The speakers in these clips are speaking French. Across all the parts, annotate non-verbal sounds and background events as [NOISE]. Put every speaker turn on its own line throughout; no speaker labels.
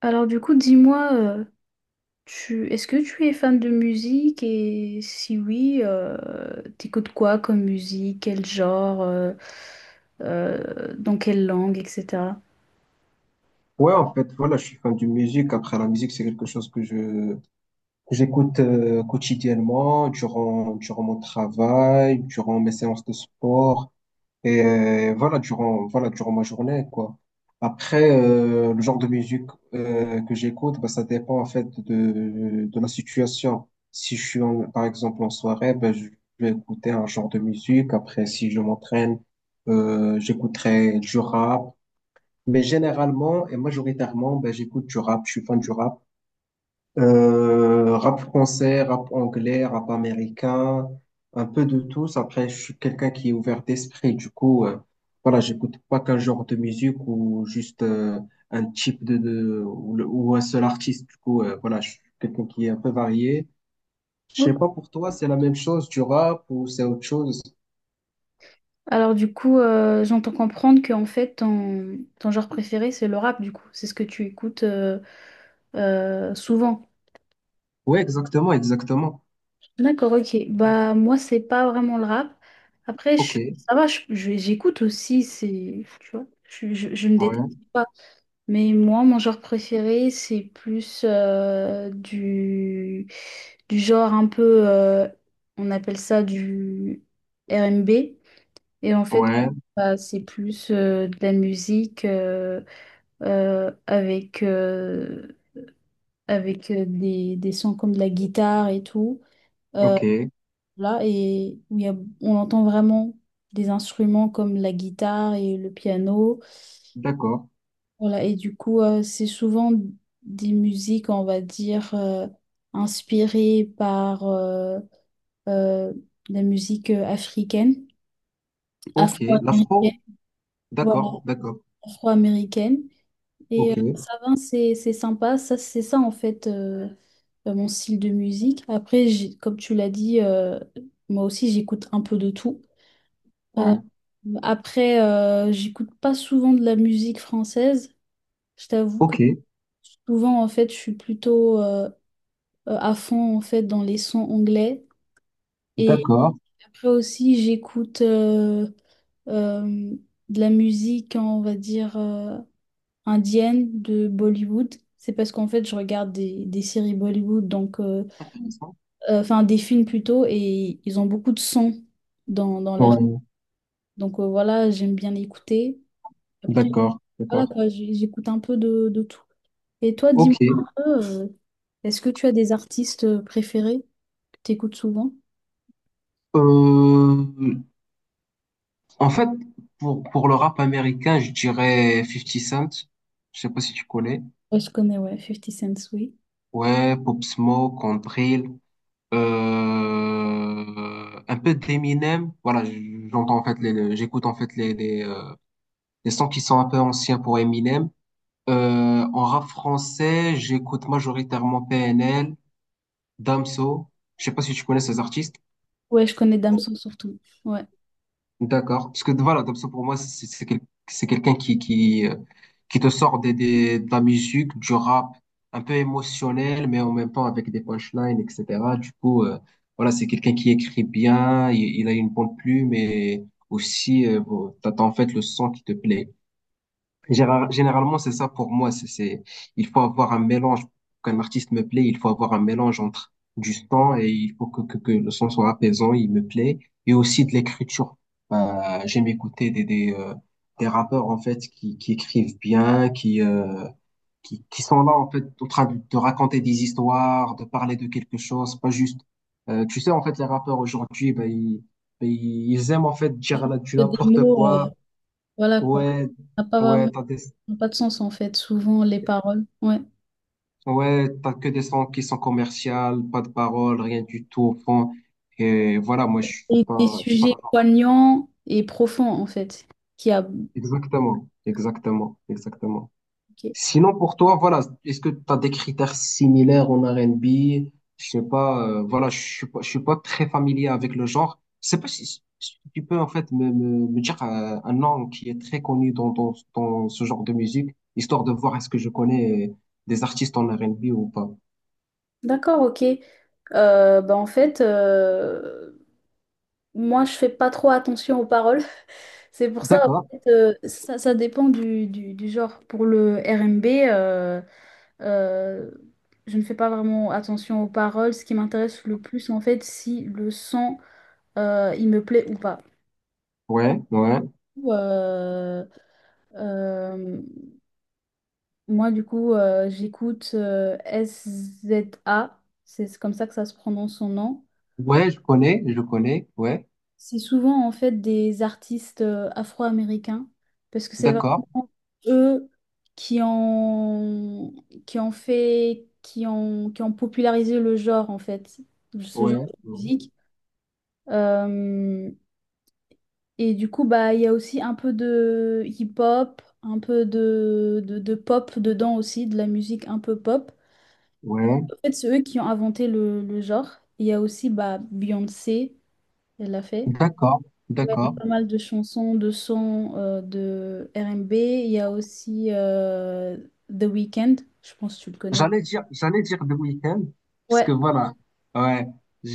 Alors du coup, dis-moi, tu est-ce que tu es fan de musique et si oui, t'écoutes quoi comme musique, quel genre, dans quelle langue, etc.
Ouais, en fait, voilà, je suis fan de musique. Après, la musique, c'est quelque chose que j'écoute quotidiennement, durant mon travail, durant mes séances de sport, et voilà, durant ma journée, quoi. Après, le genre de musique que j'écoute, bah, ça dépend en fait de la situation. Si je suis par exemple en soirée, ben je vais écouter un genre de musique. Après, si je m'entraîne, j'écouterai du rap. Mais généralement et majoritairement, ben, j'écoute du rap, je suis fan du rap. Rap français, rap anglais, rap américain, un peu de tous. Après, je suis quelqu'un qui est ouvert d'esprit. Du coup, voilà, j'écoute pas qu'un genre de musique ou juste un type de ou, ou un seul artiste. Du coup, voilà, je suis quelqu'un qui est un peu varié. Je sais
Ok.
pas pour toi, c'est la même chose du rap ou c'est autre chose?
Alors du coup, j'entends comprendre que en fait ton genre préféré c'est le rap du coup, c'est ce que tu écoutes souvent.
Ouais, exactement, exactement.
D'accord, ok. Bah moi c'est pas vraiment le rap. Après
Ok,
ça va, j'écoute aussi, c'est tu vois, je me déteste
ouais,
pas. Mais moi, mon genre préféré, c'est plus du genre un peu, on appelle ça du R&B. Et en fait,
ouais,
bah, c'est plus de la musique avec, avec des sons comme de la guitare et tout.
ok,
Là, et où on entend vraiment des instruments comme la guitare et le piano.
d'accord.
Voilà, et du coup, c'est souvent des musiques, on va dire, inspirées par euh, la musique africaine,
Ok,
afro-américaine,
l'afro?
voilà,
D'accord, d'accord.
afro-américaine. Et
Ok,
ça va, c'est sympa, ça, c'est ça en fait mon style de musique. Après, comme tu l'as dit, moi aussi j'écoute un peu de tout.
ouais.
Après, j'écoute pas souvent de la musique française. Je t'avoue que
Ok,
souvent, en fait, je suis plutôt à fond en fait dans les sons anglais. Et
d'accord.
après aussi, j'écoute euh, de la musique, hein, on va dire, indienne de Bollywood. C'est parce qu'en fait, je regarde des séries Bollywood, donc,
Intéressant.
enfin des films plutôt, et ils ont beaucoup de sons dans leur.
Ouais,
Donc voilà, j'aime bien écouter. Après,
d'accord,
voilà
d'accord.
quoi, j'écoute un peu de tout. Et toi,
Ok.
dis-moi un peu, est-ce que tu as des artistes préférés que tu écoutes souvent?
Euh, En fait, pour le rap américain, je dirais Fifty Cent. Je sais pas si tu connais.
Ouais, je connais, ouais, Fifty Cent, oui.
Ouais, Pop Smoke, on Drill. Un peu d'Eminem. Voilà, j'entends en fait j'écoute en fait les, les, les sons qui sont un peu anciens pour Eminem. En rap français, j'écoute majoritairement PNL. Damso, je sais pas si tu connais ces artistes.
Ouais, je connais Damso surtout. Ouais.
D'accord. Parce que voilà, Damso pour moi, c'est c'est quelqu'un qui te sort de la musique, du rap, un peu émotionnel, mais en même temps avec des punchlines, etc. Du coup, voilà, c'est quelqu'un qui écrit bien, il a une bonne plume et aussi, bon, t'as en fait le son qui te plaît. Généralement, c'est ça pour moi. Il faut avoir un mélange. Pour qu'un artiste me plaît, il faut avoir un mélange entre du son et il faut que le son soit apaisant, il me plaît, et aussi de l'écriture. J'aime écouter des rappeurs, en fait, qui écrivent bien, qui sont là, en fait, en train de raconter des histoires, de parler de quelque chose, pas juste. Tu sais, en fait, les rappeurs aujourd'hui, ben, ils aiment, en fait, dire là, du
Que des
n'importe
mots,
quoi.
voilà quoi.
Ouais,
Ça n'a pas vraiment,
ouais, t'as des...
ça n'a pas de sens en fait, souvent les paroles. Ouais.
Ouais, t'as que des sons qui sont commerciales, pas de paroles, rien du tout au fond. Et voilà, moi,
Et des
je suis pas
sujets
le genre.
poignants et profonds en fait. Qui a...
Exactement, exactement, exactement.
Ok.
Sinon, pour toi, voilà, est-ce que t'as des critères similaires en RNB? Je sais pas, voilà, je suis pas très familier avec le genre. Je sais pas si, si tu peux, en fait, me dire un nom qui est très connu dans ce genre de musique, histoire de voir est-ce que je connais des artistes en RNB ou pas.
D'accord, ok. Bah, en fait, moi je fais pas trop attention aux paroles. [LAUGHS] C'est pour ça, en
D'accord.
fait, ça dépend du genre. Pour le R&B, Euh, je ne fais pas vraiment attention aux paroles. Ce qui m'intéresse le plus, c'est en fait, si le son, il me plaît ou pas.
Ouais, ouais.
Euh, euh, moi, du coup, j'écoute SZA. C'est comme ça que ça se prononce son nom.
Ouais, je connais, ouais,
C'est souvent, en fait, des artistes afro-américains parce que c'est
d'accord,
vraiment eux qui ont, qui ont popularisé le genre, en fait, ce
ouais,
genre de
ouais,
musique. Euh, et du coup, bah, il y a aussi un peu de hip-hop, un peu de pop dedans aussi, de la musique un peu pop.
ouais,
En fait, c'est eux qui ont inventé le genre. Il y a aussi bah, Beyoncé, elle l'a fait.
d'accord,
Ouais, il y a
d'accord.
pas mal de chansons, de sons de R&B. Il y a aussi The Weeknd, je pense que tu le connais.
J'allais dire The Weeknd, parce
Ouais,
que voilà, ouais, je,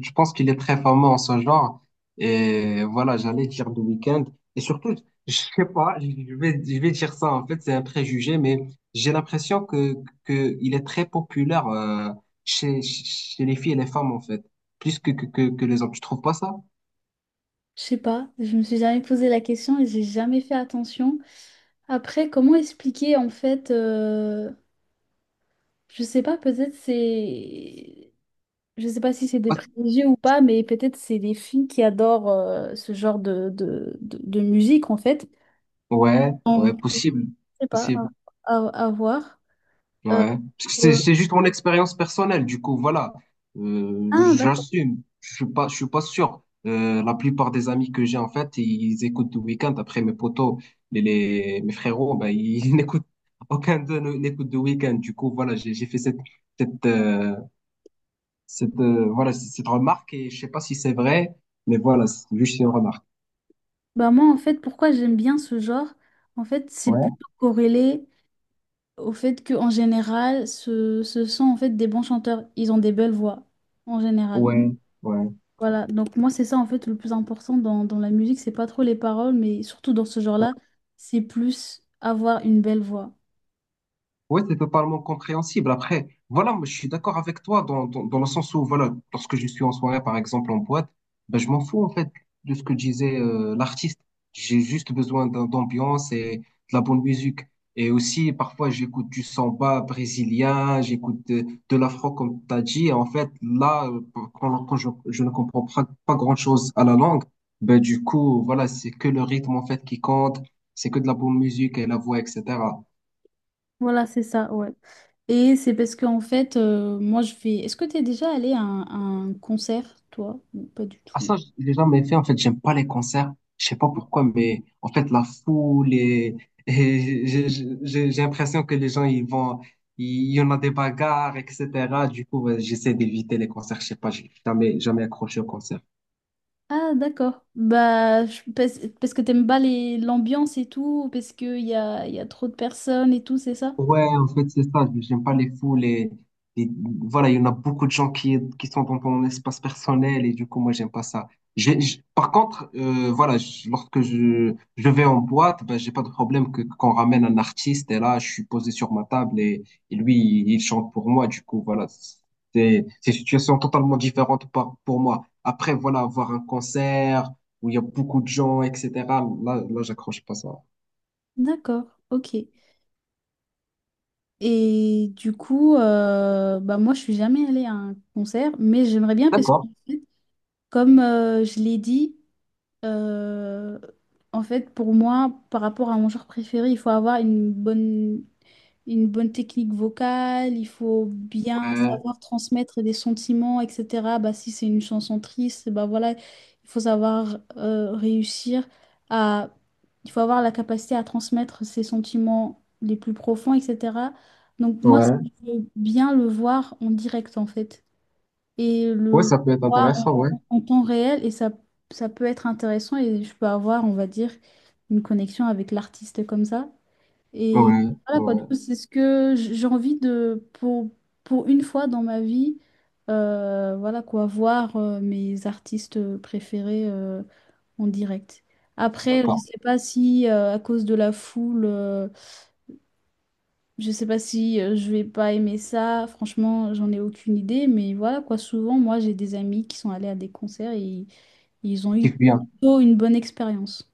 je pense qu'il est très fameux en ce genre. Et voilà, j'allais dire The Weeknd. Et surtout, je sais pas, je vais dire ça, en fait, c'est un préjugé, mais j'ai l'impression que il est très populaire chez, chez les filles et les femmes, en fait, plus que les hommes. Tu trouves pas ça?
je sais pas, je me suis jamais posé la question et j'ai jamais fait attention. Après, comment expliquer en fait, je sais pas, peut-être c'est. Je sais pas si c'est des privilégiés ou pas, mais peut-être c'est les filles qui adorent ce genre de musique, en fait.
Ouais,
On
ouais,
je
possible,
sais pas,
possible,
à voir. Euh,
ouais. Parce que C'est,
euh,
c'est juste mon expérience personnelle, du coup, voilà.
ah, d'accord.
J'assume. Je suis pas sûr. La plupart des amis que j'ai, en fait, ils écoutent du week-end. Après, mes potos, mes frérots, ben, ils [LAUGHS] n'écoutent, aucun d'eux n'écoute de week-end. Du coup, voilà, j'ai fait cette, cette, euh, voilà, cette remarque et je sais pas si c'est vrai, mais voilà, c'est juste une remarque.
Bah, moi, en fait, pourquoi j'aime bien ce genre? En fait, c'est
Ouais.
plutôt corrélé au fait que en général, ce sont en fait des bons chanteurs. Ils ont des belles voix, en général.
Ouais, ouais.
Voilà, donc moi c'est ça en fait le plus important dans la musique, c'est pas trop les paroles, mais surtout dans ce genre-là, c'est plus avoir une belle voix.
Oui, c'est totalement compréhensible. Après, voilà, moi, je suis d'accord avec toi dans le sens où, voilà, lorsque je suis en soirée, par exemple, en boîte, ben, je m'en fous, en fait, de ce que disait l'artiste. J'ai juste besoin d'ambiance et de la bonne musique. Et aussi, parfois, j'écoute du samba brésilien, j'écoute de l'afro, comme tu as dit. Et en fait, là, quand je ne comprends pas, pas grand-chose à la langue, ben, du coup, voilà, c'est que le rythme, en fait, qui compte, c'est que de la bonne musique et la voix, etc.
Voilà, c'est ça, ouais. Et c'est parce qu'en fait, moi je fais... Est-ce que t'es déjà allé à un, concert, toi? Ou pas du
Ah
tout.
ça, je l'ai jamais fait. En fait, j'aime pas les concerts. Je sais pas pourquoi, mais en fait, la foule et, [LAUGHS] et j'ai l'impression que les gens, ils vont, il y en a des bagarres, etc. Du coup, ouais, j'essaie d'éviter les concerts. Je sais pas, j'ai jamais, jamais accroché au concert.
Ah, d'accord. Bah, parce que t'aimes pas l'ambiance et tout, parce qu'y a trop de personnes et tout, c'est ça?
Ouais, en fait, c'est ça. J'aime pas les fous, les- voilà, il y en a beaucoup de gens qui sont dans ton espace personnel et du coup, moi, j'aime pas ça. Par contre, voilà, lorsque je vais en boîte, ben, j'ai pas de problème que qu'on ramène un artiste et là, je suis posé sur ma table et lui, il chante pour moi. Du coup, voilà, c'est une situation totalement différente pour moi. Après, voilà, avoir un concert où il y a beaucoup de gens, etc. J'accroche pas ça.
D'accord, ok. Et du coup, bah moi je suis jamais allée à un concert, mais j'aimerais bien parce que
D'accord.
comme je l'ai dit, euh, en fait, pour moi, par rapport à mon genre préféré, il faut avoir une bonne technique vocale, il faut bien
Ouais,
savoir transmettre des sentiments, etc. Bah, si c'est une chanson triste, bah voilà, il faut savoir réussir à... Il faut avoir la capacité à transmettre ses sentiments les plus profonds, etc. Donc moi, ça,
ouais.
je veux bien le voir en direct, en fait et
Ouais,
le
ça peut être
voir
intéressant, ouais.
en temps réel et ça peut être intéressant et je peux avoir, on va dire, une connexion avec l'artiste comme ça. Et
Ouais,
voilà quoi,
ouais.
du coup, c'est ce que j'ai envie de, pour une fois dans ma vie, voilà quoi, voir mes artistes préférés en direct. Après, je ne
D'accord.
sais pas si à cause de la foule, je sais pas si je vais pas aimer ça, franchement, j'en ai aucune idée, mais voilà quoi. Souvent, moi, j'ai des amis qui sont allés à des concerts et ils ont
Kiffe
eu
bien.
plutôt une bonne expérience.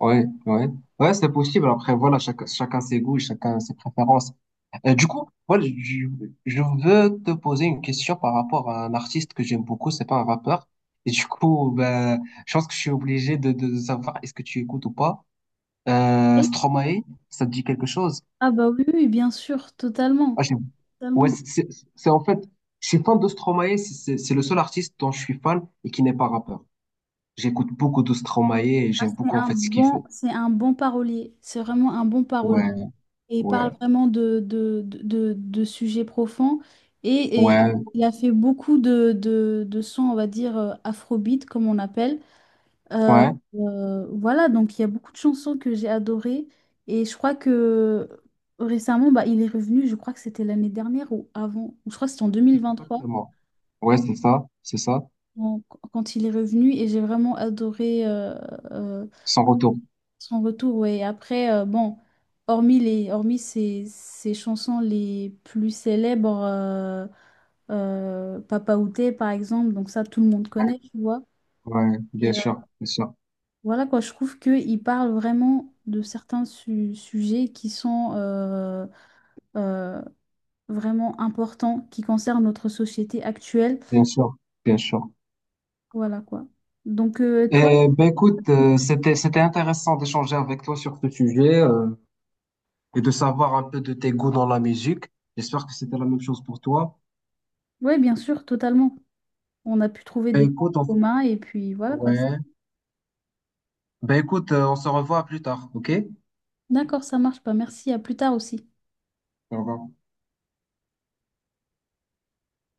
Ouais, ouais. Ouais, c'est possible. Après, voilà, chacun ses goûts, chacun ses préférences. Du coup, voilà, je veux te poser une question par rapport à un artiste que j'aime beaucoup, c'est pas un rappeur. Et du coup, ben, je pense que je suis obligé de savoir est-ce que tu écoutes ou pas.
Et
Stromae, ça te dit quelque chose?
Ah bah oui, oui, bien sûr,
Ah,
totalement,
ouais,
totalement.
c'est en fait, je suis fan de Stromae, c'est le seul artiste dont je suis fan et qui n'est pas rappeur. J'écoute beaucoup de Stromae et
Ah,
j'aime beaucoup en fait ce qu'il fait.
c'est un bon parolier, c'est vraiment un bon parolier.
Ouais,
Et il parle
ouais,
vraiment de sujets profonds et
ouais,
il a fait beaucoup de sons, on va dire, afrobeat, comme on appelle. Euh,
ouais,
voilà, donc il y a beaucoup de chansons que j'ai adorées et je crois que récemment, bah, il est revenu, je crois que c'était l'année dernière ou avant, ou je crois que c'était en 2023
exactement. Ouais, c'est ça, c'est ça.
en- quand il est revenu et j'ai vraiment adoré euh,
Sans retour.
son retour. Ouais. Et après, bon, hormis ses chansons les plus célèbres, Papa Outé par exemple, donc ça tout le monde
Ouais,
connaît, tu vois.
ouais, bien sûr, bien sûr,
Voilà quoi, je trouve qu'il parle vraiment de certains sujets qui sont euh, vraiment importants, qui concernent notre société actuelle.
bien sûr, bien sûr.
Voilà quoi. Donc toi,
Eh ben écoute, c'était intéressant d'échanger avec toi sur ce sujet et de savoir un peu de tes goûts dans la musique. J'espère que c'était la même chose pour toi.
oui, bien sûr, totalement. On a pu trouver
Ben
des points
écoute, on...
communs et puis voilà quoi.
ouais. Ben écoute, on se revoit plus tard, ok?
D'accord, ça marche pas. Merci, à plus tard aussi.
Au revoir.